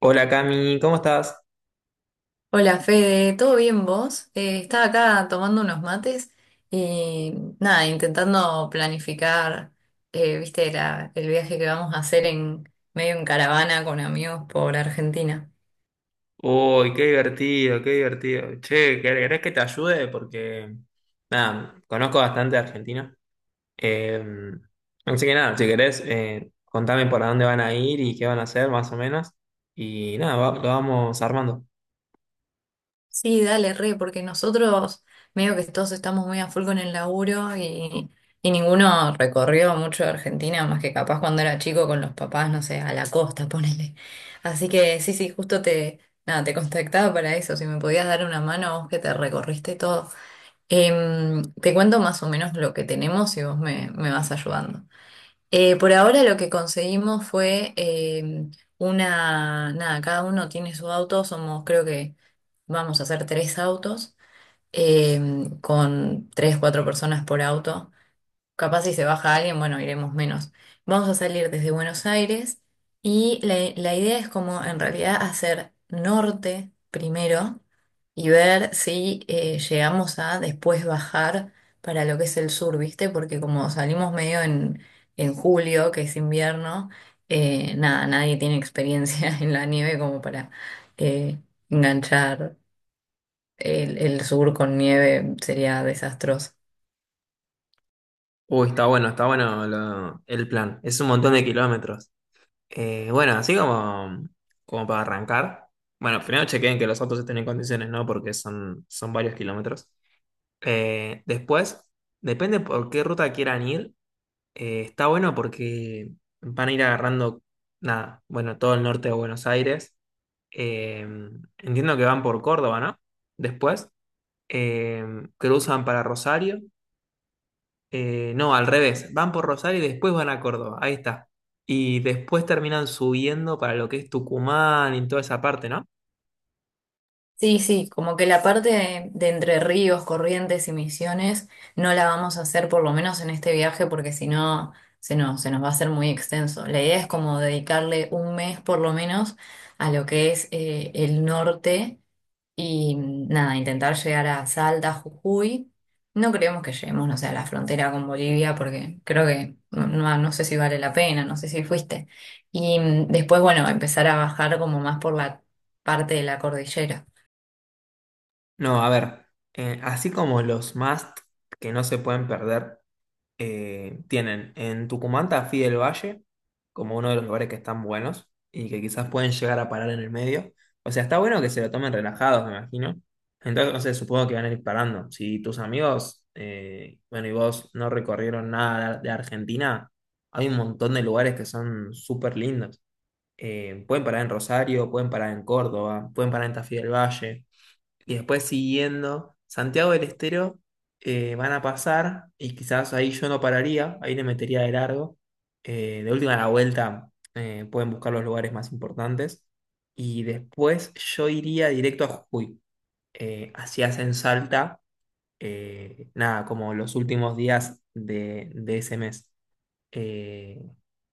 Hola Cami, ¿cómo estás? Hola Fede, ¿todo bien vos? Estaba acá tomando unos mates y nada, intentando planificar, viste, el viaje que vamos a hacer en medio en caravana con amigos por Argentina. Uy, qué divertido, qué divertido. Che, ¿querés que te ayude? Porque, nada, conozco bastante de Argentina. Eh, así que nada, si querés, contame por dónde van a ir y qué van a hacer, más o menos. Y nada, lo vamos armando. Sí, dale, re, porque nosotros medio que todos estamos muy a full con el laburo y ninguno recorrió mucho de Argentina, más que capaz cuando era chico con los papás, no sé, a la costa, ponele. Así que sí, sí, justo te contactaba para eso, si me podías dar una mano vos que te recorriste todo. Te cuento más o menos lo que tenemos y vos me vas ayudando. Por ahora lo que conseguimos fue una, nada, cada uno tiene su auto, somos creo que vamos a hacer tres autos eh, con tres, cuatro personas por auto. Capaz si se baja alguien, bueno, iremos menos. Vamos a salir desde Buenos Aires y la idea es como en realidad hacer norte primero y ver si llegamos a después bajar para lo que es el sur, ¿viste? Porque como salimos medio en julio, que es invierno, nada, nadie tiene experiencia en la nieve como para eh, enganchar el sur con nieve, sería desastroso. Uy, está bueno el plan. Es un montón de kilómetros. Bueno, así como para arrancar. Bueno, primero chequen que los autos estén en condiciones, ¿no? Porque son varios kilómetros. Después, depende por qué ruta quieran ir, está bueno porque van a ir agarrando, nada, bueno, todo el norte de Buenos Aires. Eh, entiendo que van por Córdoba, ¿no? Después, eh, cruzan para Rosario. No, al revés, van por Rosario y después van a Córdoba, ahí está. Y después terminan subiendo para lo que es Tucumán y toda esa parte, ¿no? Sí, sí, como que la parte de Entre Ríos, Corrientes y Misiones no la vamos a hacer por lo menos en este viaje porque si no se nos va a hacer muy extenso. La idea es como dedicarle un mes por lo menos a lo que es el norte y nada, intentar llegar a Salta, Jujuy. No creemos que lleguemos, no sé, a la frontera con Bolivia porque creo que no, no sé si vale la pena, no sé si fuiste. Y después, bueno, empezar a bajar como más por la parte de la cordillera. No, a ver, así como los must que no se pueden perder. Eh, tienen en Tucumán Tafí del Valle como uno de los lugares que están buenos y que quizás pueden llegar a parar en el medio. O sea, está bueno que se lo tomen relajados, me imagino. Entonces, no sé, supongo que van a ir parando. Si tus amigos, bueno, y vos no recorrieron nada de Argentina, hay un montón de lugares que son súper lindos. Pueden parar en Rosario, pueden parar en Córdoba, pueden parar en Tafí del Valle y después siguiendo Santiago del Estero, van a pasar y quizás ahí yo no pararía, ahí le metería de largo. De última a la vuelta, pueden buscar los lugares más importantes y después yo iría directo a Jujuy. Así hacen Salta, nada, como los últimos días de ese mes eh,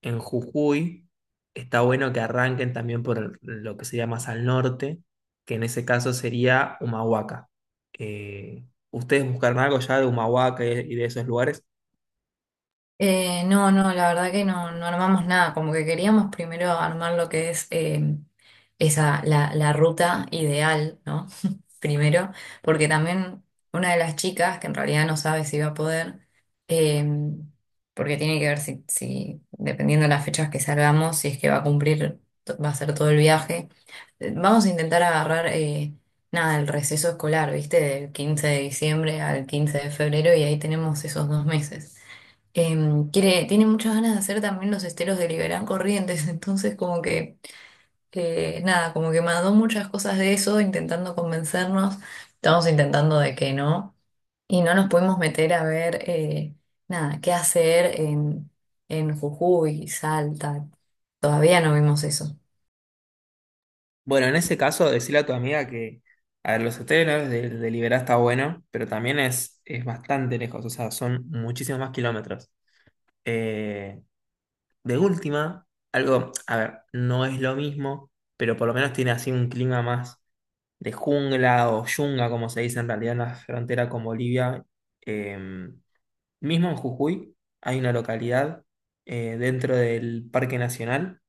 en Jujuy, está bueno que arranquen también por lo que sería más al norte, que en ese caso sería Humahuaca. ¿Ustedes buscaron algo ya de Humahuaca y de esos lugares? No, no, la verdad que no, no armamos nada, como que queríamos primero armar lo que es la ruta ideal, ¿no? Primero, porque también una de las chicas, que en realidad no sabe si va a poder, eh, porque tiene que ver si, dependiendo de las fechas que salgamos, si es que va a cumplir, va a hacer todo el viaje. Vamos a intentar agarrar, nada, el receso escolar, ¿viste? Del 15 de diciembre al 15 de febrero y ahí tenemos esos 2 meses tiene muchas ganas de hacer también los esteros de Liberán Corrientes, entonces como que, nada, como que mandó muchas cosas de eso, intentando convencernos, estamos intentando de que no, y no nos pudimos meter a ver, nada, qué hacer en Jujuy, Salta, todavía no vimos eso. Bueno, en ese caso, decirle a tu amiga a ver, los hoteles, ¿no?, de Liberá está bueno, pero también es bastante lejos, o sea, son muchísimos más kilómetros. Eh, de última, algo, a ver, no es lo mismo, pero por lo menos tiene así un clima más de jungla o yunga, como se dice en realidad en la frontera con Bolivia. Eh, mismo en Jujuy hay una localidad, dentro del Parque Nacional,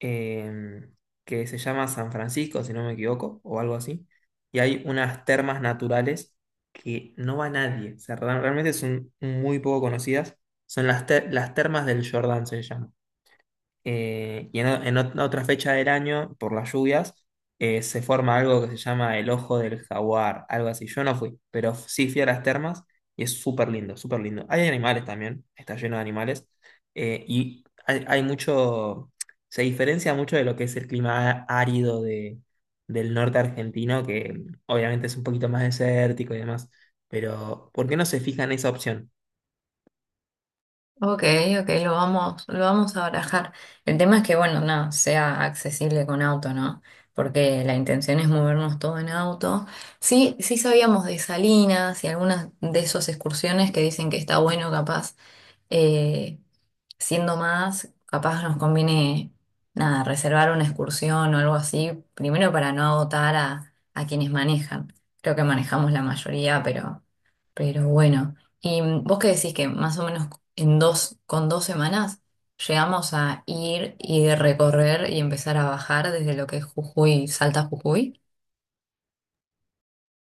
eh, que se llama San Francisco, si no me equivoco, o algo así. Y hay unas termas naturales que no va nadie. O sea, realmente son muy poco conocidas. Son las termas del Jordán, se llaman. En otra fecha del año, por las lluvias, se forma algo que se llama el ojo del jaguar, algo así. Yo no fui, pero sí fui a las termas y es súper lindo, súper lindo. Hay animales también, está lleno de animales, y hay mucho, se diferencia mucho de lo que es el clima árido de, del norte argentino, que obviamente es un poquito más desértico y demás, pero ¿por qué no se fija en esa opción? Ok, ok, lo vamos a barajar. El tema es que, bueno, nada, sea accesible con auto, ¿no? Porque la intención es movernos todo en auto. Sí, sí sabíamos de Salinas y algunas de esas excursiones que dicen que está bueno, capaz. eh, Siendo más, capaz nos conviene, nada, reservar una excursión o algo así, primero para no agotar a quienes manejan. Creo que manejamos la mayoría, pero bueno. ¿Y vos qué decís que más o menos con 2 semanas llegamos a ir y recorrer y empezar a bajar desde lo que es Jujuy, Salta a Jujuy?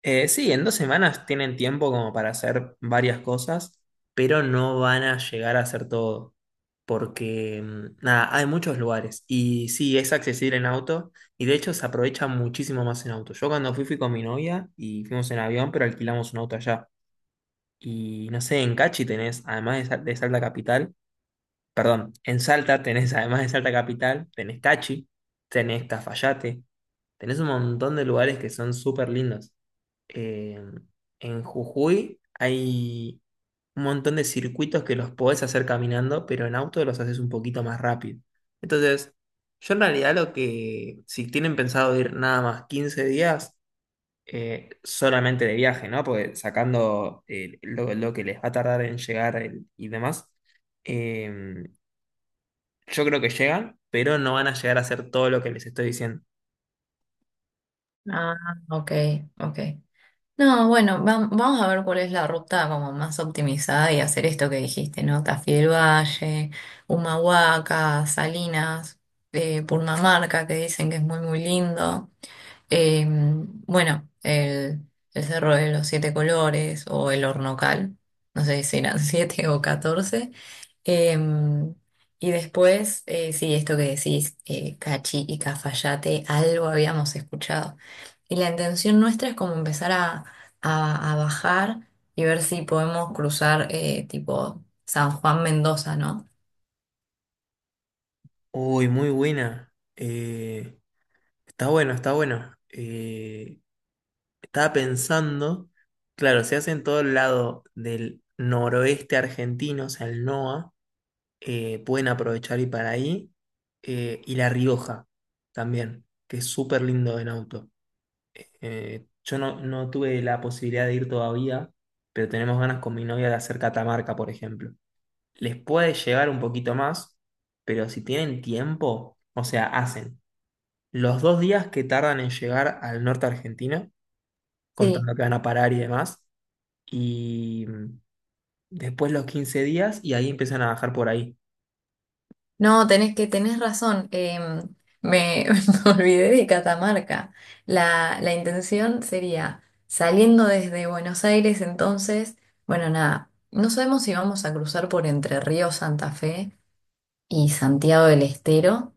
Sí, en dos semanas tienen tiempo como para hacer varias cosas, pero no van a llegar a hacer todo, porque mm, nada, hay muchos lugares y sí, es accesible en auto y de hecho se aprovecha muchísimo más en auto. Yo cuando fui con mi novia y fuimos en avión, pero alquilamos un auto allá. Y no sé, en Cachi tenés, además de, de Salta Capital, perdón, en Salta tenés, además de Salta Capital, tenés Cachi, tenés Cafayate, tenés un montón de lugares que son súper lindos, eh, en Jujuy hay un montón de circuitos que los podés hacer caminando, pero en auto los haces un poquito más rápido. Entonces, yo en realidad lo que, si tienen pensado ir nada más 15 días, solamente de viaje, ¿no? Porque sacando, lo que les va a tardar en llegar y demás, eh, yo creo que llegan, pero no van a llegar a hacer todo lo que les estoy diciendo. Ah, ok, ok. No, bueno, vamos a ver cuál es la ruta como más optimizada y hacer esto que dijiste, ¿no? Tafiel Valle, Humahuaca, Salinas, Purmamarca, que dicen que es muy, muy lindo. Eh, bueno, el, el Cerro de los Siete Colores o el Hornocal, no sé si eran siete o 14. Em, y después, sí, esto que decís, Cachi y Cafayate, algo habíamos escuchado. Y la intención nuestra es como empezar a, a bajar y ver si podemos cruzar tipo San Juan Mendoza, ¿no? Uy, muy buena. Está bueno, está bueno. Estaba pensando, claro, se hace en todo el lado del noroeste argentino, o sea, el NOA, pueden aprovechar y para ahí, y La Rioja también, que es súper lindo en auto. Yo no, no tuve la posibilidad de ir todavía, pero tenemos ganas con mi novia de hacer Catamarca, por ejemplo. Les puede llevar un poquito más, pero si tienen tiempo, o sea, hacen los dos días que tardan en llegar al norte argentino, Sí. contando que van a parar y demás, y mm, después los 15 días y ahí empiezan a bajar por ahí. No, tenés razón. Me, me olvidé de Catamarca. La intención sería saliendo desde Buenos Aires, entonces, bueno, nada, no sabemos si vamos a cruzar por Entre Ríos, Santa Fe y Santiago del Estero.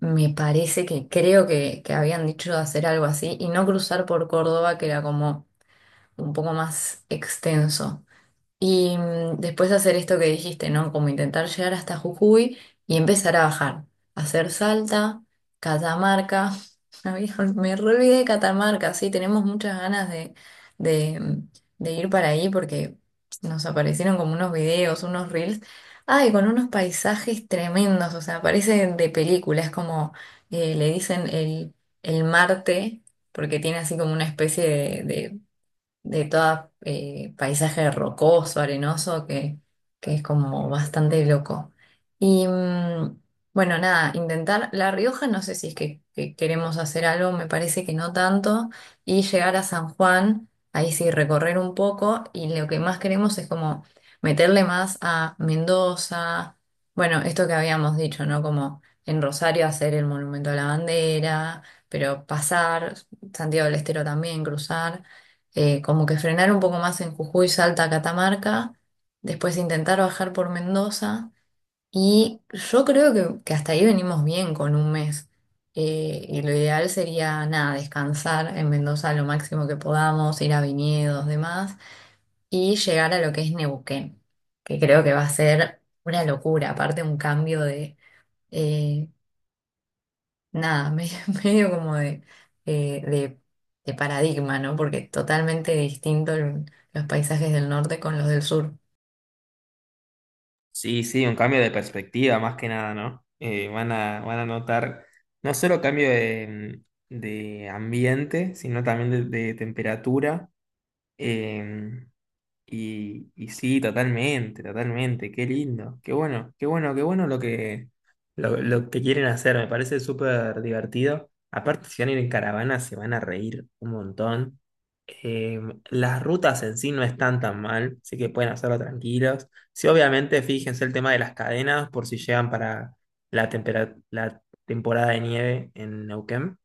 Me parece que creo que habían dicho de hacer algo así y no cruzar por Córdoba, que era como un poco más extenso. Y después hacer esto que dijiste, ¿no? Como intentar llegar hasta Jujuy y empezar a bajar. Hacer Salta, Catamarca. Ay, me re olvidé de Catamarca, sí, tenemos muchas ganas de, mm, de ir para ahí porque nos aparecieron como unos videos, unos reels. Ay, con unos paisajes tremendos, o sea, parecen de película, es como le dicen el Marte, porque tiene así como una especie de, de todo paisaje rocoso, arenoso, que es como bastante loco. Y bueno, nada, intentar La Rioja, no sé si es que queremos hacer algo, me parece que no tanto, y llegar a San Juan, ahí sí recorrer un poco, y lo que más queremos es como meterle más a Mendoza, bueno, esto que habíamos dicho, ¿no? Como en Rosario hacer el Monumento a la Bandera, pero pasar, Santiago del Estero también, cruzar como que frenar un poco más en Jujuy, Salta, Catamarca, después intentar bajar por Mendoza y yo creo que hasta ahí venimos bien con un mes. Y lo ideal sería, nada, descansar en Mendoza lo máximo que podamos, ir a viñedos, demás, y llegar a lo que es Neuquén, que creo que va a ser una locura, aparte un cambio de, eh, nada, medio como eh, de, de paradigma, ¿no? Porque totalmente distinto los paisajes del norte con los del sur. Sí, sí, un cambio de perspectiva más que nada, ¿no? Van a, van a notar no solo cambio de, mm, de ambiente, sino también de temperatura. Eh, Y, y sí, totalmente, totalmente, qué lindo, qué bueno, qué bueno, qué bueno lo que, lo que quieren hacer, me parece súper divertido. Aparte, si van a ir en caravana, se van a reír un montón. Eh, las rutas en sí no están tan mal, así que pueden hacerlo tranquilos. Sí, obviamente, fíjense el tema de las cadenas por si llegan para la temporada de nieve en Neuquén,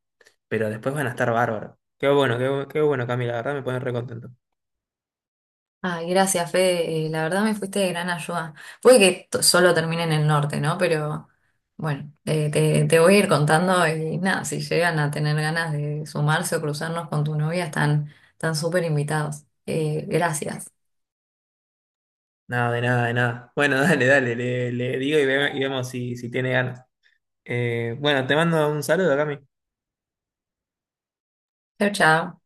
pero después van a estar bárbaros. Qué bueno, qué bueno, Camila, la verdad me pone re contento. Ay, gracias, Fede. La verdad me fuiste de gran ayuda. Puede que solo termine en el norte, ¿no? Pero bueno, te voy a ir contando y nada, si llegan a tener ganas de sumarse o cruzarnos con tu novia, están súper invitados. Gracias. Nada, de nada, de nada. Bueno, dale, dale, le digo y, y vemos si, si tiene ganas. Bueno, te mando un saludo, Cami. Chao, chao.